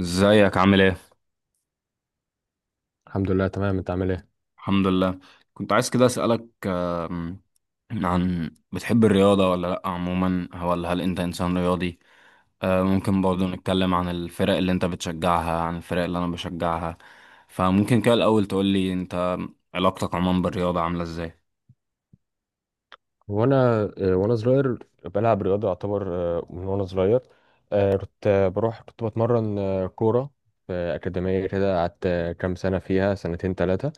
ازيك عامل ايه؟ الحمد لله تمام، انت عامل ايه؟ الحمد لله. كنت عايز كده اسألك عن بتحب الرياضة ولا لأ عموما، ولا هل انت انسان رياضي؟ ممكن برضو نتكلم عن الفرق اللي انت بتشجعها، عن الفرق اللي انا بشجعها. فممكن كده الأول تقولي انت علاقتك عموما بالرياضة عاملة ازاي؟ وانا وانا صغير بلعب رياضه يعتبر. من وانا صغير كنت بروح كنت بتمرن كوره في اكاديميه كده. قعدت كام سنه فيها، سنتين ثلاثه.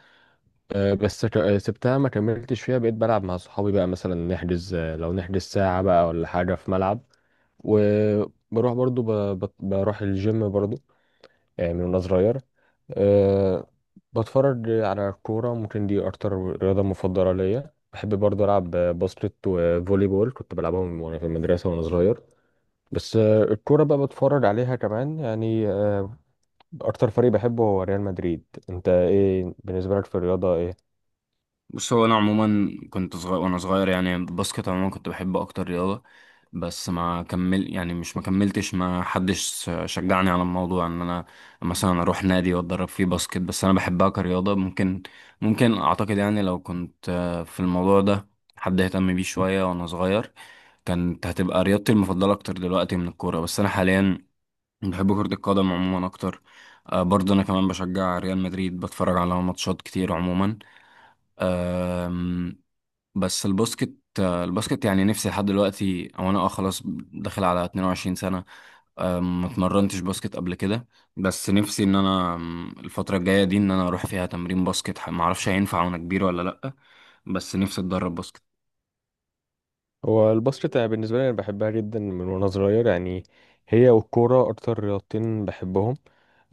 بس سبتها ما كملتش فيها، بقيت بلعب مع صحابي بقى، مثلا نحجز لو نحجز ساعه بقى ولا حاجه في ملعب. وبروح برضو بروح الجيم برضو من وانا صغير. أه، بتفرج على الكورة. ممكن دي أكتر رياضة مفضلة ليا. بحب برضه ألعب باسكت وفولي بول، كنت بلعبهم وأنا في المدرسة وأنا صغير. بس الكورة بقى بتفرج عليها كمان. يعني أكتر فريق بحبه هو ريال مدريد. أنت إيه بالنسبة لك في الرياضة، إيه؟ بص، هو انا عموما كنت صغير وانا صغير يعني الباسكت عموما كنت بحب اكتر رياضه. بس ما كمل، يعني مش، ما كملتش، ما حدش شجعني على الموضوع ان انا مثلا اروح نادي واتدرب فيه باسكت. بس انا بحبها كرياضه. ممكن اعتقد يعني لو كنت في الموضوع ده حد اهتم بيه شويه وانا صغير، كانت هتبقى رياضتي المفضله اكتر دلوقتي من الكوره. بس انا حاليا بحب كره القدم عموما اكتر. برضه انا كمان بشجع ريال مدريد، بتفرج على ماتشات كتير عموما. بس الباسكت، الباسكت يعني نفسي لحد دلوقتي، او انا اه خلاص داخل على 22 سنة. ما اتمرنتش باسكت قبل كده. بس نفسي ان انا الفترة الجاية دي ان انا اروح فيها تمرين باسكت، ما اعرفش هينفع وانا كبير ولا لا. بس نفسي اتدرب باسكت. هو الباسكت أنا بالنسبة لي أنا بحبها جدا من وأنا صغير. يعني هي والكورة أكتر رياضتين بحبهم.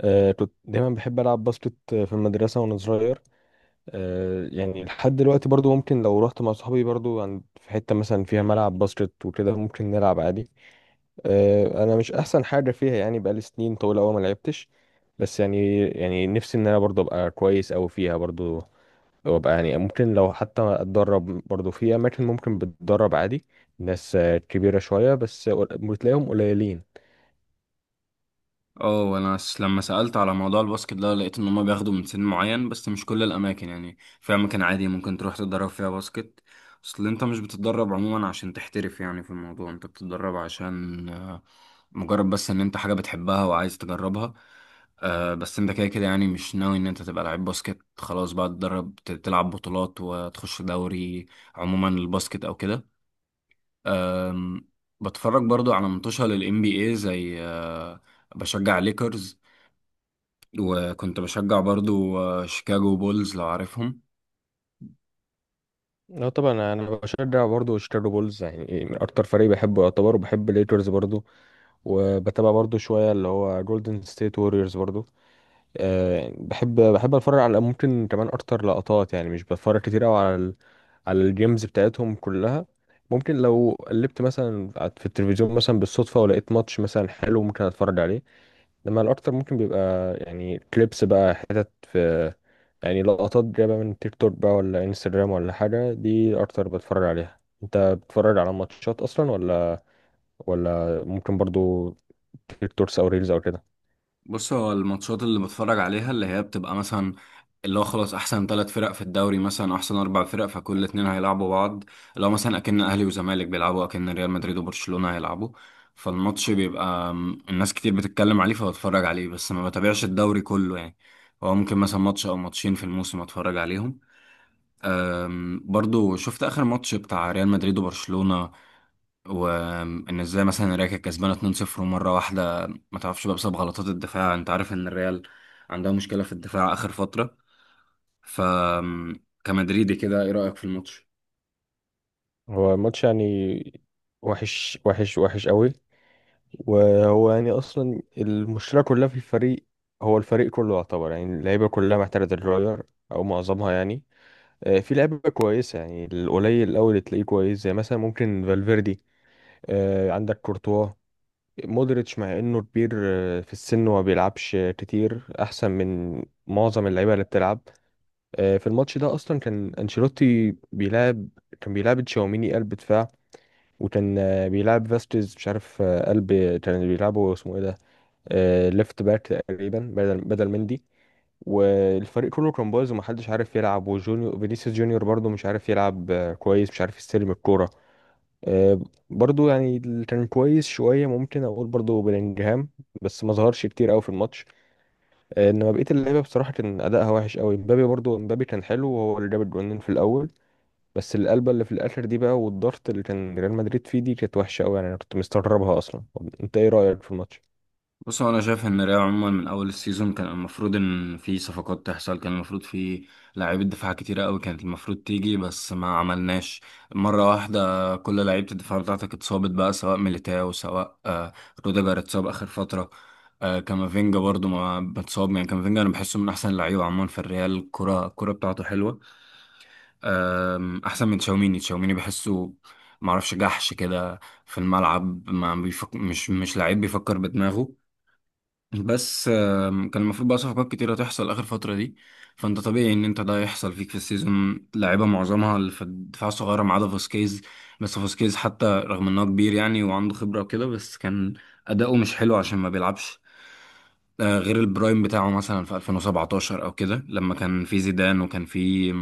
كنت دايما بحب ألعب باسكت في المدرسة وأنا صغير. يعني لحد دلوقتي برضو ممكن لو رحت مع صحابي برضو عند في حتة مثلا فيها ملعب باسكت وكده ممكن نلعب عادي. انا مش احسن حاجة فيها، يعني بقالي سنين طويلة أوي ما لعبتش. بس يعني نفسي ان انا برضو ابقى كويس أوي فيها برضو. وابقى يعني ممكن لو حتى اتدرب برضو في اماكن ممكن بتدرب عادي ناس كبيرة شوية، بس بتلاقيهم قليلين. اه انا لما سألت على موضوع الباسكت ده لقيت ان هما بياخدوا من سن معين، بس مش كل الاماكن، يعني في اماكن عادي ممكن تروح تتدرب فيها باسكت. اصل انت مش بتتدرب عموما عشان تحترف يعني في الموضوع، انت بتتدرب عشان مجرد بس ان انت حاجة بتحبها وعايز تجربها. بس انت كده كده يعني مش ناوي ان انت تبقى لعيب باسكت خلاص بقى تتدرب تلعب بطولات وتخش دوري، عموما الباسكت او كده. آم، بتفرج برضو على منتشر للام بي اي، زي بشجع ليكرز، وكنت بشجع برضو شيكاغو بولز لو عارفهم. لا طبعا، انا أنا بشجع برضه شيكاغو بولز، يعني إيه، من اكتر فريق بحبه يعتبر. وبحب الليكرز برضه. وبتابع برضه شويه اللي هو جولدن ستيت ووريرز برضه. أه، بحب اتفرج على ممكن كمان اكتر لقطات، يعني مش بتفرج كتير قوي على على الجيمز بتاعتهم كلها. ممكن لو قلبت مثلا في التلفزيون مثلا بالصدفه ولقيت ماتش مثلا حلو ممكن اتفرج عليه. لما الاكتر ممكن بيبقى يعني كليبس بقى، حتت في يعني لقطات جايبه من تيك توك بقى ولا انستجرام ولا حاجه، دي اكتر بتفرج عليها. انت بتتفرج على ماتشات اصلا، ولا ممكن برضو تيك توكس او ريلز او كده؟ بص، هو الماتشات اللي بتفرج عليها اللي هي بتبقى مثلا، اللي هو خلاص احسن ثلاث فرق في الدوري مثلا، احسن اربع فرق، فكل اتنين هيلعبوا بعض. لو مثلا اكن اهلي وزمالك بيلعبوا، اكن ريال مدريد وبرشلونة هيلعبوا، فالماتش بيبقى الناس كتير بتتكلم عليه فبتفرج عليه. بس ما بتابعش الدوري كله يعني، هو ممكن مثلا ماتش او ماتشين في الموسم اتفرج عليهم. برضو شفت اخر ماتش بتاع ريال مدريد وبرشلونة، وان ازاي مثلا الريال كانت كسبانه 2-0، ومره واحده ما تعرفش بقى، بسبب غلطات الدفاع انت عارف ان الريال عندها مشكله في الدفاع اخر فتره. ف كمدريدي كده ايه رايك في الماتش؟ هو ماتش يعني وحش، وحش، وحش قوي. وهو يعني اصلا المشكله كلها في الفريق. هو الفريق كله يعتبر، يعني اللعيبه كلها محتاجه تتغير او معظمها يعني. في لعيبه كويسه، يعني القليل الاول اللي تلاقيه كويس زي مثلا ممكن فالفيردي، عندك كورتوا، مودريتش مع انه كبير في السن وما بيلعبش كتير، احسن من معظم اللعيبه اللي بتلعب. في الماتش ده اصلا كان انشيلوتي بيلعب، كان بيلعب تشاوميني قلب دفاع، وكان بيلعب فاستيز مش عارف قلب، كان بيلعبه اسمه ايه ده، ليفت باك تقريبا بدل مندي. والفريق كله كان بايظ ومحدش عارف يلعب. وجونيور فينيسيوس جونيور برضه مش عارف يلعب كويس، مش عارف يستلم الكوره. آه، برضو يعني اللي كان كويس شوية ممكن أقول برضو بلينجهام، بس ما ظهرش كتير أوي في الماتش. إنما بقية اللعيبة بصراحة كان أداءها وحش أوي. مبابي برضو، مبابي كان حلو وهو اللي جاب الجونين في الأول. بس القلبة اللي في الآخر دي بقى والضغط اللي كان ريال مدريد فيه دي كانت وحشة أوي يعني، أنا كنت مستغربها أصلا. أنت إيه رأيك في الماتش؟ بص، هو انا شايف ان ريال عموما من اول السيزون كان المفروض ان في صفقات تحصل، كان المفروض في لاعيبه دفاع كتيره قوي كانت المفروض تيجي، بس ما عملناش. مره واحده كل لعيبه الدفاع بتاعتك اتصابت بقى، سواء ميليتاو سواء روديجر اتصاب اخر فتره. كامافينجا برضو ما متصاب، يعني كامافينجا انا بحسه من احسن اللعيبه عموما في الريال، الكره بتاعته حلوه. احسن من تشاوميني. تشاوميني بحسه معرفش، جحش كده في الملعب، ما بيفك... مش لعيب بيفكر بدماغه. بس كان المفروض بقى صفقات كتيرة تحصل آخر فترة دي. فأنت طبيعي إن أنت ده يحصل فيك في السيزون، لعيبة معظمها اللي في الدفاع الصغيرة ما عدا فاسكيز. بس فاسكيز حتى رغم إن هو كبير يعني وعنده خبرة وكده، بس كان أداؤه مش حلو عشان ما بيلعبش غير البرايم بتاعه مثلا في 2017 أو كده، لما كان في زيدان وكان في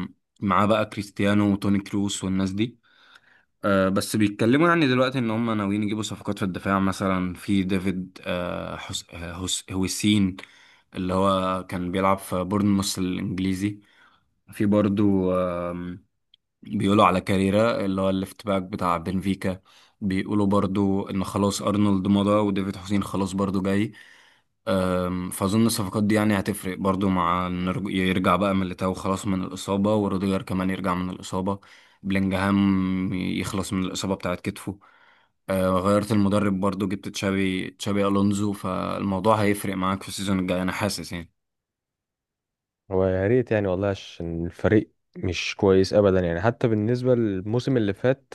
معاه بقى كريستيانو وتوني كروس والناس دي. بس بيتكلموا يعني دلوقتي ان هم ناويين يجيبوا صفقات في الدفاع، مثلا في ديفيد هوسين اللي هو كان بيلعب في بورنموث الانجليزي، في برضو بيقولوا على كاريرا اللي هو الليفت باك بتاع بنفيكا، بيقولوا برضو ان خلاص ارنولد مضى وديفيد حسين خلاص برضو جاي. فاظن الصفقات دي يعني هتفرق برضو، مع إن يرجع بقى ميليتاو خلاص من الاصابه، وروديجر كمان يرجع من الاصابه، بلينجهام يخلص من الاصابه بتاعت كتفه. غيرت المدرب برضو، جبت تشابي الونزو، فالموضوع هيفرق معاك في السيزون الجاي انا حاسس يعني. هو يا ريت يعني والله، عشان الفريق مش كويس ابدا، يعني حتى بالنسبه للموسم اللي فات.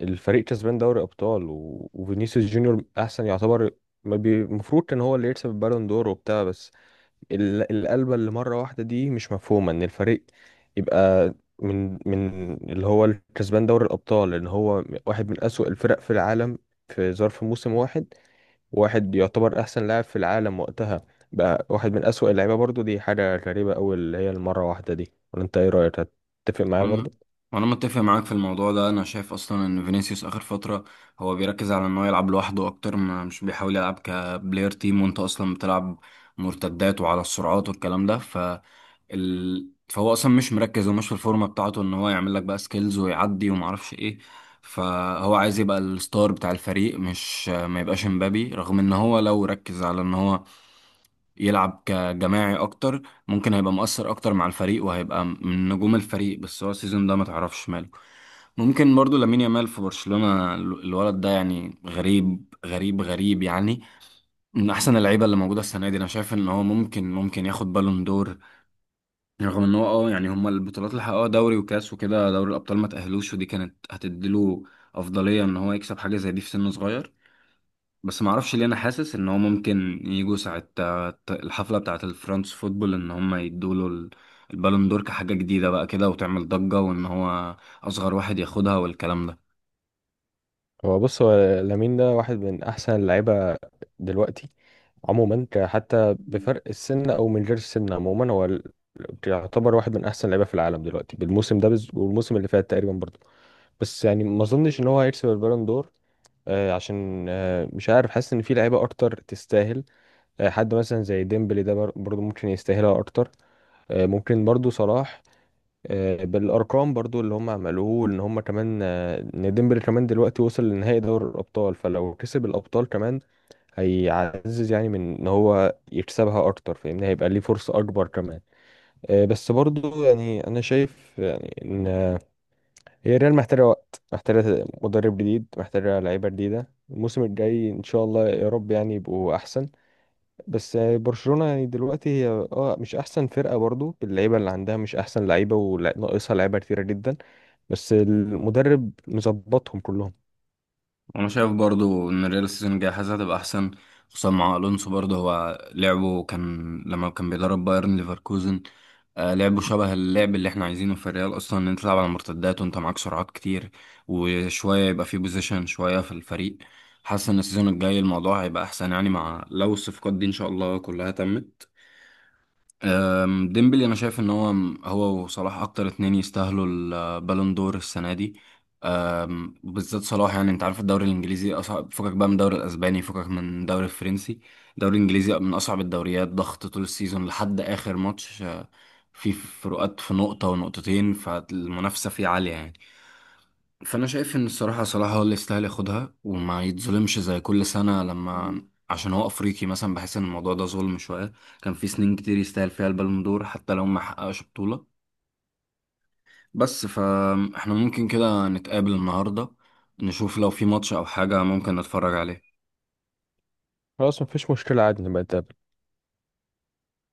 الفريق كسبان دوري ابطال وفينيسيوس جونيور احسن يعتبر. ما بي- المفروض كان هو اللي يكسب البالون دور وبتاع. بس القلبه اللي مره واحده دي مش مفهومه، ان الفريق يبقى من اللي هو الكسبان دوري الابطال ان هو واحد من اسوأ الفرق في العالم في ظرف موسم واحد. واحد يعتبر احسن لاعب في العالم وقتها بقى واحد من اسوأ اللعيبه برضو، دي حاجه غريبه قوي اللي هي المره واحده دي. ولا انت ايه رايك، هتتفق معايا برضو؟ انا انا متفق معاك في الموضوع ده، انا شايف اصلا ان فينيسيوس اخر فتره هو بيركز على ان هو يلعب لوحده اكتر، ما مش بيحاول يلعب كبلاير تيم، وانت اصلا بتلعب مرتدات وعلى السرعات والكلام ده. ف فهو اصلا مش مركز ومش في الفورمه بتاعته ان هو يعمل لك بقى سكيلز ويعدي وما اعرفش ايه. فهو عايز يبقى الستار بتاع الفريق، مش ما يبقاش امبابي، رغم ان هو لو ركز على ان هو يلعب كجماعي اكتر ممكن هيبقى مؤثر اكتر مع الفريق، وهيبقى من نجوم الفريق. بس هو السيزون ده ما تعرفش ماله. ممكن برضو لامين يامال في برشلونة، الولد ده يعني غريب غريب غريب يعني، من احسن اللعيبه اللي موجوده السنه دي. انا شايف ان هو ممكن ياخد بالون دور، رغم ان هو اه يعني هما البطولات اللي حققوها دوري وكاس وكده، دوري الابطال ما تاهلوش، ودي كانت هتديله افضليه ان هو يكسب حاجه زي دي في سن صغير. بس ما اعرفش ليه انا حاسس ان هو ممكن يجوا ساعة الحفلة بتاعة الفرنس فوتبول ان هم يدوا له البالون دور كحاجة جديدة بقى كده وتعمل ضجة، وان هو اصغر واحد ياخدها والكلام ده. هو بص، هو لامين ده واحد من احسن اللعيبه دلوقتي عموما، حتى بفرق السن او من غير السن عموما، يعتبر واحد من احسن اللعيبه في العالم دلوقتي بالموسم ده والموسم اللي فات تقريبا برضو. بس يعني ما اظنش ان هو هيكسب البالون دور. آه، عشان آه مش عارف، حاسس ان في لعيبه اكتر تستاهل. حد مثلا زي ديمبلي ده برضو ممكن يستاهلها اكتر. ممكن برضو صلاح. بالارقام برضو اللي هم عملوه ان هم كمان، ان ديمبلي كمان دلوقتي وصل لنهائي دوري الابطال، فلو كسب الابطال كمان هيعزز يعني من ان هو يكسبها اكتر، فاهمني؟ هيبقى ليه فرصة اكبر كمان. بس برضو يعني انا شايف يعني ان هي ريال محتاجة وقت، محتاجة مدرب جديد، محتاجة لعيبة جديدة. الموسم الجاي ان شاء الله يا رب يعني يبقوا احسن. بس يعني برشلونة يعني دلوقتي هي اه مش احسن فرقة برضو، اللعيبة اللي عندها مش احسن لعيبة وناقصها لعيبة كتيرة جدا، بس المدرب مظبطهم كلهم. انا شايف برضو ان الريال السيزون الجاي حاسس هتبقى احسن، خصوصا مع الونسو. برضو هو لعبه كان لما كان بيدرب بايرن ليفركوزن لعبه شبه اللعب اللي احنا عايزينه في الريال اصلا، ان انت تلعب على المرتدات وانت معاك سرعات كتير، وشويه يبقى في بوزيشن شويه في الفريق. حاسس ان السيزون الجاي الموضوع هيبقى احسن يعني مع لو الصفقات دي ان شاء الله كلها تمت. ديمبلي انا شايف ان هو، هو وصلاح اكتر اتنين يستاهلوا البالون دور السنه دي، بالذات صلاح. يعني انت عارف الدوري الانجليزي اصعب، فكك بقى من الدوري الاسباني، فكك من الدوري الفرنسي، الدوري الانجليزي من اصعب الدوريات، ضغط طول السيزون لحد اخر ماتش في فروقات في نقطة ونقطتين، فالمنافسة فيه عالية يعني. فانا شايف ان الصراحة صلاح هو اللي يستاهل ياخدها، وما يتظلمش زي كل سنة لما، عشان هو افريقي مثلا بحس ان الموضوع ده ظلم شوية. كان في سنين كتير يستاهل فيها البالون دور حتى لو ما حققش بطولة. بس فاحنا ممكن كده نتقابل النهاردة، نشوف لو في ماتش أو حاجة ممكن نتفرج عليه. خلاص، مفيش مشكلة عادي، نبقى